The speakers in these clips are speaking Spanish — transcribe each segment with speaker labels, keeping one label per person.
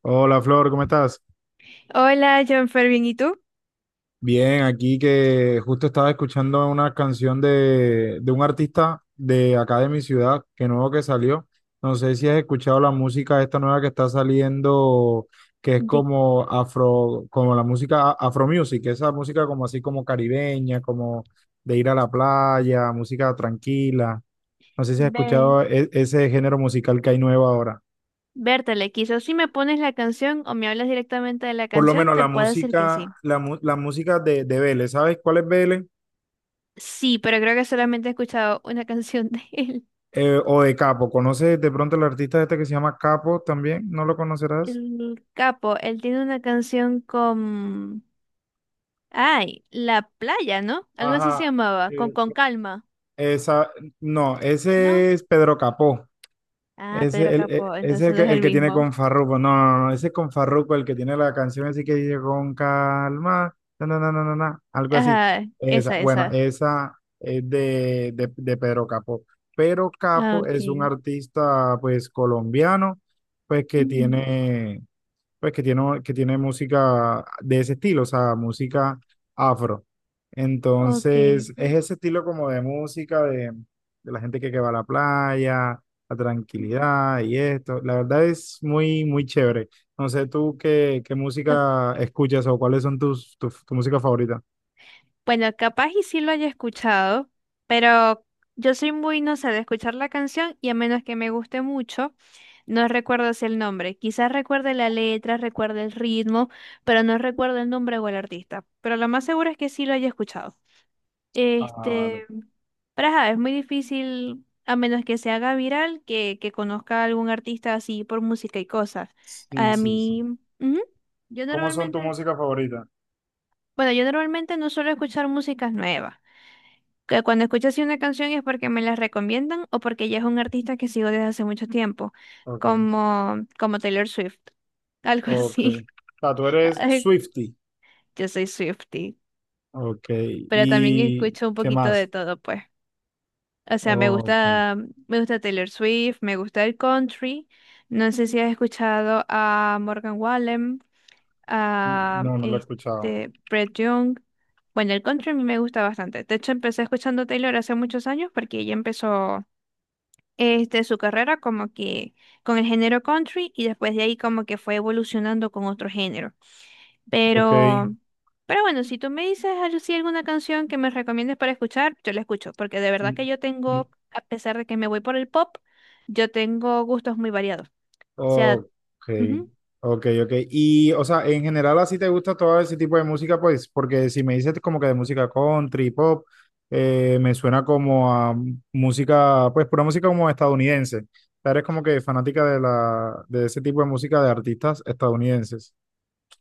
Speaker 1: Hola Flor, ¿cómo estás?
Speaker 2: Hola, John Fervin, ¿y tú?
Speaker 1: Bien, aquí que justo estaba escuchando una canción de un artista de acá de mi ciudad, que nuevo que salió. No sé si has escuchado la música esta nueva que está saliendo, que es
Speaker 2: De
Speaker 1: como afro, como la música afro music, esa música como así como caribeña, como de ir a la playa, música tranquila. No sé si has
Speaker 2: ve-
Speaker 1: escuchado ese género musical que hay nuevo ahora.
Speaker 2: Vértale, quizás si me pones la canción o me hablas directamente de la
Speaker 1: Por lo
Speaker 2: canción,
Speaker 1: menos
Speaker 2: te
Speaker 1: la
Speaker 2: puedo decir que
Speaker 1: música,
Speaker 2: sí.
Speaker 1: la música de Vélez. ¿Sabes cuál es Vélez?
Speaker 2: Sí, pero creo que solamente he escuchado una canción de él.
Speaker 1: O de Capo, ¿conoces de pronto el artista este que se llama Capo también? ¿No lo conocerás?
Speaker 2: El capo, él tiene una canción con... Ay, La Playa, ¿no? Algo así se
Speaker 1: Ajá,
Speaker 2: llamaba, con,
Speaker 1: eh,
Speaker 2: con calma,
Speaker 1: Esa, no,
Speaker 2: ¿no?
Speaker 1: ese es Pedro Capó.
Speaker 2: Ah, Pedro Capo,
Speaker 1: Ese es
Speaker 2: entonces no es el
Speaker 1: el que tiene
Speaker 2: mismo.
Speaker 1: con Farruko. No, no, no, ese es con Farruko, el que tiene la canción así que dice con calma, na, na, na, na, na, na", algo así.
Speaker 2: Ajá,
Speaker 1: Esa,
Speaker 2: esa,
Speaker 1: bueno,
Speaker 2: esa.
Speaker 1: esa es de Pedro Capó. Pedro
Speaker 2: Ah,
Speaker 1: Capo es un
Speaker 2: ok.
Speaker 1: artista, pues, colombiano, pues, que
Speaker 2: Ujú.
Speaker 1: tiene, pues que tiene música de ese estilo, o sea, música afro. Entonces, es ese estilo como de música de la gente que va a la playa, la tranquilidad y esto. La verdad es muy, muy chévere. No sé tú qué, qué
Speaker 2: Ok.
Speaker 1: música escuchas o cuáles son tu música favorita.
Speaker 2: Bueno, capaz y sí lo haya escuchado, pero yo soy muy, no sé, de escuchar la canción y a menos que me guste mucho, no recuerdo así el nombre. Quizás recuerde la letra, recuerde el ritmo, pero no recuerdo el nombre o el artista. Pero lo más seguro es que sí lo haya escuchado.
Speaker 1: Ah,
Speaker 2: Este,
Speaker 1: vale.
Speaker 2: pero ajá, es muy difícil, a menos que se haga viral, que conozca a algún artista así por música y cosas.
Speaker 1: Sí,
Speaker 2: A
Speaker 1: sí, sí.
Speaker 2: mí, ujú. Yo
Speaker 1: ¿Cómo son tu
Speaker 2: normalmente,
Speaker 1: música favorita?
Speaker 2: bueno, yo normalmente no suelo escuchar músicas nuevas que cuando escucho así una canción es porque me la recomiendan o porque ya es un artista que sigo desde hace mucho tiempo,
Speaker 1: Ok,
Speaker 2: como Taylor Swift, algo
Speaker 1: ok.
Speaker 2: así.
Speaker 1: O sea, tú eres
Speaker 2: Ay,
Speaker 1: Swiftie.
Speaker 2: yo soy Swiftie,
Speaker 1: Ok,
Speaker 2: pero también
Speaker 1: ¿y
Speaker 2: escucho un
Speaker 1: qué
Speaker 2: poquito de
Speaker 1: más?
Speaker 2: todo, pues. O sea, me
Speaker 1: Ok.
Speaker 2: gusta, me gusta Taylor Swift, me gusta el country. No sé si has escuchado a Morgan Wallen, a
Speaker 1: No, no lo he escuchado.
Speaker 2: este Brett Young. Bueno, el country a mí me gusta bastante. De hecho, empecé escuchando Taylor hace muchos años porque ella empezó este, su carrera como que con el género country y después de ahí como que fue evolucionando con otro género.
Speaker 1: Ok.
Speaker 2: Pero, pero bueno, si tú me dices así alguna canción que me recomiendes para escuchar, yo la escucho, porque de verdad que
Speaker 1: Mm,
Speaker 2: yo
Speaker 1: mm.
Speaker 2: tengo, a pesar de que me voy por el pop, yo tengo gustos muy variados. O sea,
Speaker 1: Ok.
Speaker 2: ujú.
Speaker 1: Ok, ok. Y, o sea, en general así te gusta todo ese tipo de música, pues, porque si me dices como que de música country, pop, me suena como a música, pues, pura música como estadounidense. O sea, eres como que fanática de la, de ese tipo de música de artistas estadounidenses.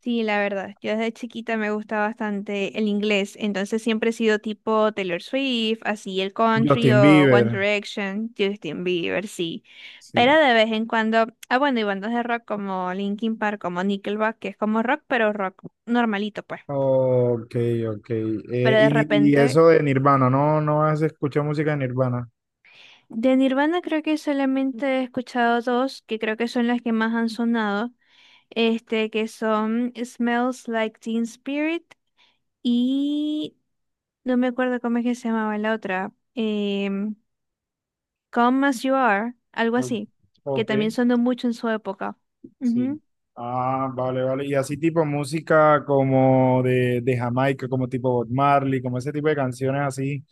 Speaker 2: Sí, la verdad, yo desde chiquita me gusta bastante el inglés, entonces siempre he sido tipo Taylor Swift, así el country
Speaker 1: Justin
Speaker 2: o One
Speaker 1: Bieber,
Speaker 2: Direction, Justin Bieber, sí. Pero
Speaker 1: sí.
Speaker 2: de vez en cuando, ah bueno, y bandas de rock como Linkin Park, como Nickelback, que es como rock, pero rock normalito pues.
Speaker 1: Ok, ok.
Speaker 2: Pero de
Speaker 1: Y
Speaker 2: repente,
Speaker 1: eso de Nirvana, ¿no? ¿No has escuchado música de Nirvana?
Speaker 2: de Nirvana creo que solamente he escuchado dos, que creo que son las que más han sonado, este, que son Smells Like Teen Spirit. Y no me acuerdo cómo es que se llamaba la otra. Come As You Are, algo
Speaker 1: O-
Speaker 2: así, que
Speaker 1: Ok,
Speaker 2: también sonó mucho en su época.
Speaker 1: sí.
Speaker 2: Ujú.
Speaker 1: Ah, vale, vale. Y así tipo música como de Jamaica, como tipo Bob Marley, como ese tipo de canciones así,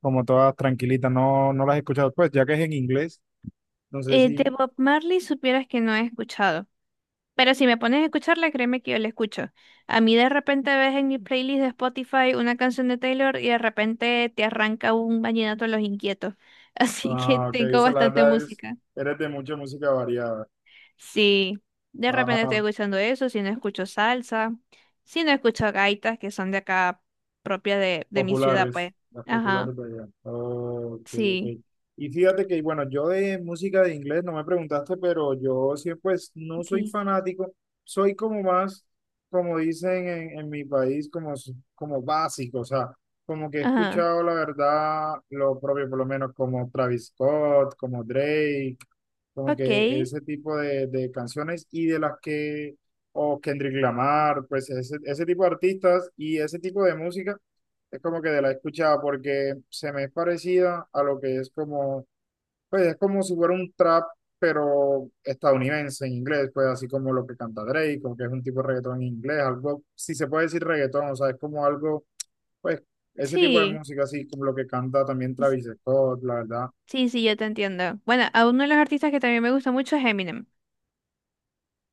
Speaker 1: como todas tranquilitas, no, no las he escuchado. Pues ya que es en inglés, no sé
Speaker 2: De
Speaker 1: si...
Speaker 2: Bob Marley supieras que no he escuchado, pero si me pones a escucharla, créeme que yo la escucho. A mí de repente ves en mi playlist de Spotify una canción de Taylor y de repente te arranca un vallenato de los inquietos. Así que
Speaker 1: Ah, ok, o
Speaker 2: tengo
Speaker 1: sea, la
Speaker 2: bastante
Speaker 1: verdad es,
Speaker 2: música.
Speaker 1: eres de mucha música variada.
Speaker 2: Sí, de repente estoy
Speaker 1: Ah,
Speaker 2: escuchando eso, si no escucho salsa, si no escucho gaitas que son de acá propia de mi ciudad,
Speaker 1: populares,
Speaker 2: pues.
Speaker 1: las
Speaker 2: Ajá,
Speaker 1: populares de allá. Ok, ok.
Speaker 2: sí,
Speaker 1: Y fíjate que, bueno, yo de música de inglés no me preguntaste, pero yo sí, pues no soy
Speaker 2: okay.
Speaker 1: fanático, soy como más, como dicen en mi país, como, como básico, o sea, como que he
Speaker 2: Ajá,
Speaker 1: escuchado la verdad lo propio, por lo menos como Travis Scott, como Drake, como
Speaker 2: ok,
Speaker 1: que ese tipo de canciones y de las que, o Kendrick Lamar, pues ese tipo de artistas y ese tipo de música es como que de la he escuchado porque se me es parecida a lo que es como, pues es como si fuera un trap, pero estadounidense en inglés, pues así como lo que canta Drake, o que es un tipo de reggaetón en inglés, algo, si se puede decir reggaetón, o sea, es como algo, pues ese tipo de
Speaker 2: sí,
Speaker 1: música, así como lo que canta también
Speaker 2: s-
Speaker 1: Travis Scott, la verdad.
Speaker 2: sí, sí, yo te entiendo. Bueno, a uno de los artistas que también me gusta mucho es Eminem.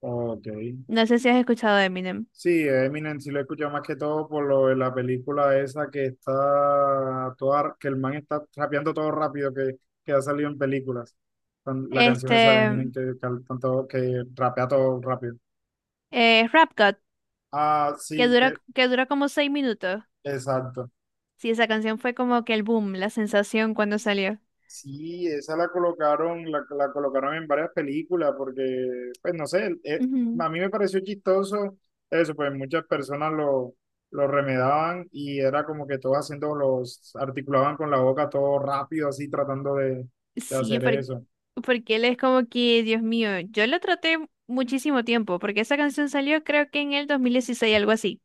Speaker 1: Ok.
Speaker 2: No sé si has escuchado de Eminem.
Speaker 1: Sí, Eminem sí lo he escuchado más que todo por lo de la película esa que está toda, que el man está rapeando todo rápido que ha salido en películas. La canción
Speaker 2: Este,
Speaker 1: esa de Eminem que rapea todo rápido.
Speaker 2: Rap God,
Speaker 1: Ah,
Speaker 2: que
Speaker 1: sí,
Speaker 2: dura,
Speaker 1: que
Speaker 2: que dura como 6 minutos.
Speaker 1: exacto.
Speaker 2: Sí, esa canción fue como que el boom, la sensación cuando salió.
Speaker 1: Sí, esa la colocaron, la colocaron en varias películas porque, pues no sé,
Speaker 2: Ujú.
Speaker 1: a mí me pareció chistoso eso, pues muchas personas lo remedaban y era como que todos haciendo los, articulaban con la boca todo rápido, así tratando de
Speaker 2: Sí,
Speaker 1: hacer eso.
Speaker 2: porque él es como que, Dios mío, yo lo traté muchísimo tiempo, porque esa canción salió creo que en el 2016, algo así,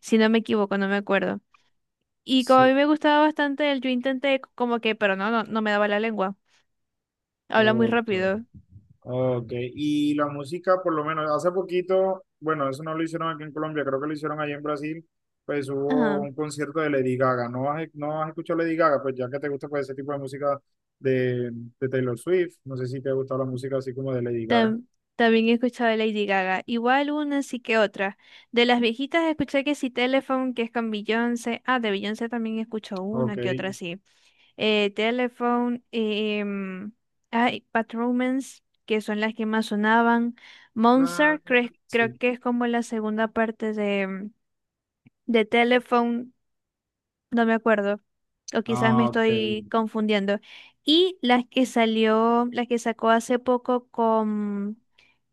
Speaker 2: si no me equivoco, no me acuerdo. Y como a
Speaker 1: Sí,
Speaker 2: mí me gustaba bastante él, yo intenté como que, pero no, no, no me daba la lengua, habla muy
Speaker 1: ok.
Speaker 2: rápido.
Speaker 1: Ok, y la música, por lo menos hace poquito, bueno, eso no lo hicieron aquí en Colombia, creo que lo hicieron allá en Brasil, pues hubo
Speaker 2: Ajá.
Speaker 1: un concierto de Lady Gaga. ¿No has, no has escuchado Lady Gaga? Pues ya que te gusta pues, ese tipo de música de, de Taylor Swift, no sé si te ha gustado la música así como de Lady Gaga.
Speaker 2: Tam- también he escuchado de Lady Gaga, igual una sí que otra. De las viejitas escuché que sí Telephone, que es con Beyoncé, ah, de Beyoncé también escucho
Speaker 1: Ok,
Speaker 2: una que otra sí. Telephone, em, ay, Bad Romance, que son las que más sonaban.
Speaker 1: ah,
Speaker 2: Monster, creo
Speaker 1: sí,
Speaker 2: que es como la segunda parte de Telephone, no me acuerdo, o quizás me
Speaker 1: ah, ok,
Speaker 2: estoy confundiendo. Y las que salió, las que sacó hace poco con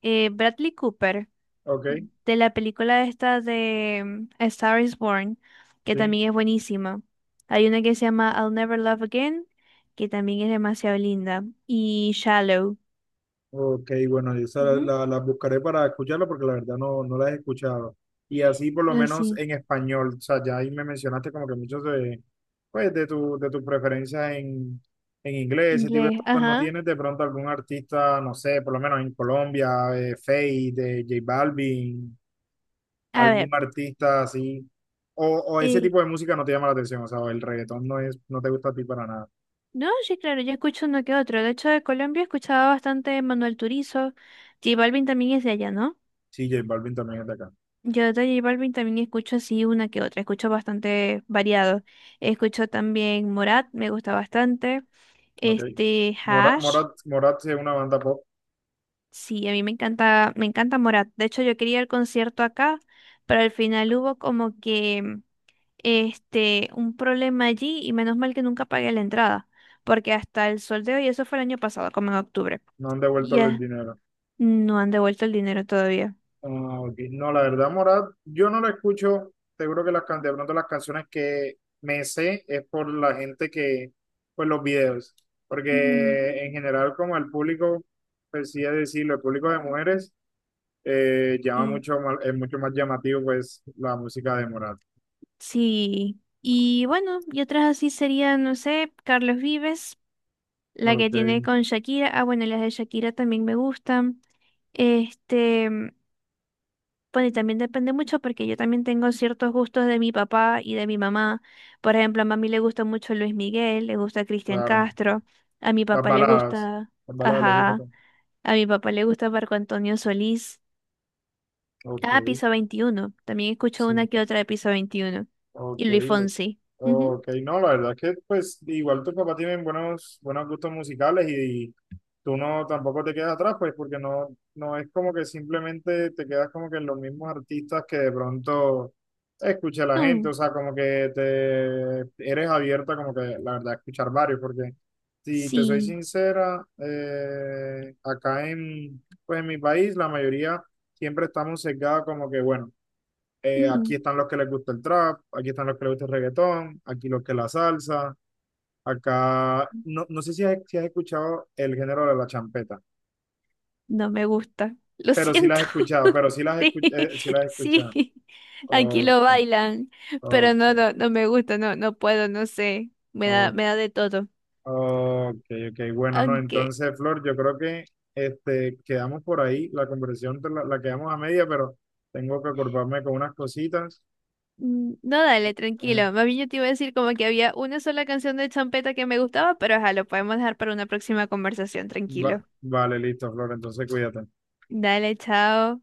Speaker 2: Bradley Cooper
Speaker 1: ok,
Speaker 2: de la película esta de A Star is Born, que
Speaker 1: sí.
Speaker 2: también es buenísima. Hay una que se llama I'll Never Love Again, que también es demasiado linda. Y Shallow.
Speaker 1: Ok, bueno, yo esa
Speaker 2: Ujú.
Speaker 1: las buscaré para escucharla porque la verdad no, no las he escuchado. Y así por lo
Speaker 2: No,
Speaker 1: menos
Speaker 2: sí,
Speaker 1: en español, o sea, ya ahí me mencionaste como que muchos de, pues, de tus preferencias en inglés, ese tipo de
Speaker 2: inglés.
Speaker 1: cosas. ¿No
Speaker 2: Ajá.
Speaker 1: tienes de pronto algún artista, no sé, por lo menos en Colombia, Feid, de J Balvin,
Speaker 2: A
Speaker 1: algún
Speaker 2: ver.
Speaker 1: artista así? O ese
Speaker 2: eh,
Speaker 1: tipo de música no te llama la atención, o sea, el reggaetón no es, no te gusta a ti para nada.
Speaker 2: no, sí, claro, yo escucho uno que otro. De hecho, de Colombia escuchaba bastante Manuel Turizo. J Balvin también es de allá, ¿no?
Speaker 1: Sí, J Balvin también es de acá,
Speaker 2: Yo de J Balvin también escucho así una que otra, escucho bastante variado. Escucho también Morat, me gusta bastante.
Speaker 1: ok.
Speaker 2: Este, Hash,
Speaker 1: Morat sí es una banda pop.
Speaker 2: sí, a mí me encanta Morat. De hecho, yo quería el concierto acá, pero al final hubo como que este un problema allí y menos mal que nunca pagué la entrada, porque hasta el sol de hoy, eso fue el año pasado, como en octubre.
Speaker 1: No han devuelto el
Speaker 2: Ya
Speaker 1: dinero.
Speaker 2: no han devuelto el dinero todavía.
Speaker 1: Ah, ok. No, la verdad, Morat, yo no la escucho. Seguro que las, de pronto las canciones que me sé es por la gente que, pues los videos.
Speaker 2: Ujú.
Speaker 1: Porque en general, como el público, pues sí es decirlo, el público de mujeres llama
Speaker 2: Sí.
Speaker 1: mucho más, es mucho más llamativo, pues, la música de Morat.
Speaker 2: Sí, y bueno, y otras así serían, no sé, Carlos Vives, la que
Speaker 1: Ok,
Speaker 2: tiene con Shakira. Ah, bueno, las de Shakira también me gustan. Este, bueno, y también depende mucho porque yo también tengo ciertos gustos de mi papá y de mi mamá. Por ejemplo, a mami le gusta mucho Luis Miguel, le gusta Cristian
Speaker 1: claro.
Speaker 2: Castro, a mi
Speaker 1: Las
Speaker 2: papá le
Speaker 1: baladas.
Speaker 2: gusta,
Speaker 1: Las baladas le gusta
Speaker 2: ajá,
Speaker 1: también.
Speaker 2: a mi papá le gusta Marco Antonio Solís.
Speaker 1: Ok,
Speaker 2: Ah, Piso 21 también escucho
Speaker 1: sí.
Speaker 2: una que otra de Piso 21.
Speaker 1: Ok,
Speaker 2: Y Luis Fonsi. Ujú.
Speaker 1: ok, no, la verdad es que pues igual tus papás tienen buenos, buenos gustos musicales y tú no tampoco te quedas atrás, pues porque no, no es como que simplemente te quedas como que en los mismos artistas que de pronto escucha la gente, o
Speaker 2: No.
Speaker 1: sea, como que te eres abierta como que la verdad a escuchar varios, porque si te soy
Speaker 2: Sí,
Speaker 1: sincera, pues en mi país la mayoría siempre estamos sesgados como que bueno
Speaker 2: mm,
Speaker 1: aquí están los que les gusta el trap, aquí están los que les gusta el reggaetón, aquí los que la salsa, acá, no, no sé si has, si has escuchado el género de la champeta,
Speaker 2: no me gusta. Lo
Speaker 1: pero sí las
Speaker 2: siento.
Speaker 1: has escuchado, pero sí
Speaker 2: Sí,
Speaker 1: sí las has escuchado.
Speaker 2: sí. Aquí
Speaker 1: Ok,
Speaker 2: lo bailan, pero no,
Speaker 1: ok,
Speaker 2: no, no me gusta, no, no puedo, no sé. Me da,
Speaker 1: ok,
Speaker 2: me da de todo.
Speaker 1: ok, ok, bueno, no,
Speaker 2: Aunque,
Speaker 1: entonces, Flor, yo creo que este, quedamos por ahí, la conversación la quedamos a media, pero tengo que ocuparme con unas cositas.
Speaker 2: no, dale,
Speaker 1: eh,
Speaker 2: tranquilo. Más bien yo te iba a decir como que había una sola canción de champeta que me gustaba, pero ajá, lo podemos dejar para una próxima conversación, tranquilo.
Speaker 1: vale, listo, Flor, entonces cuídate.
Speaker 2: Dale, chao.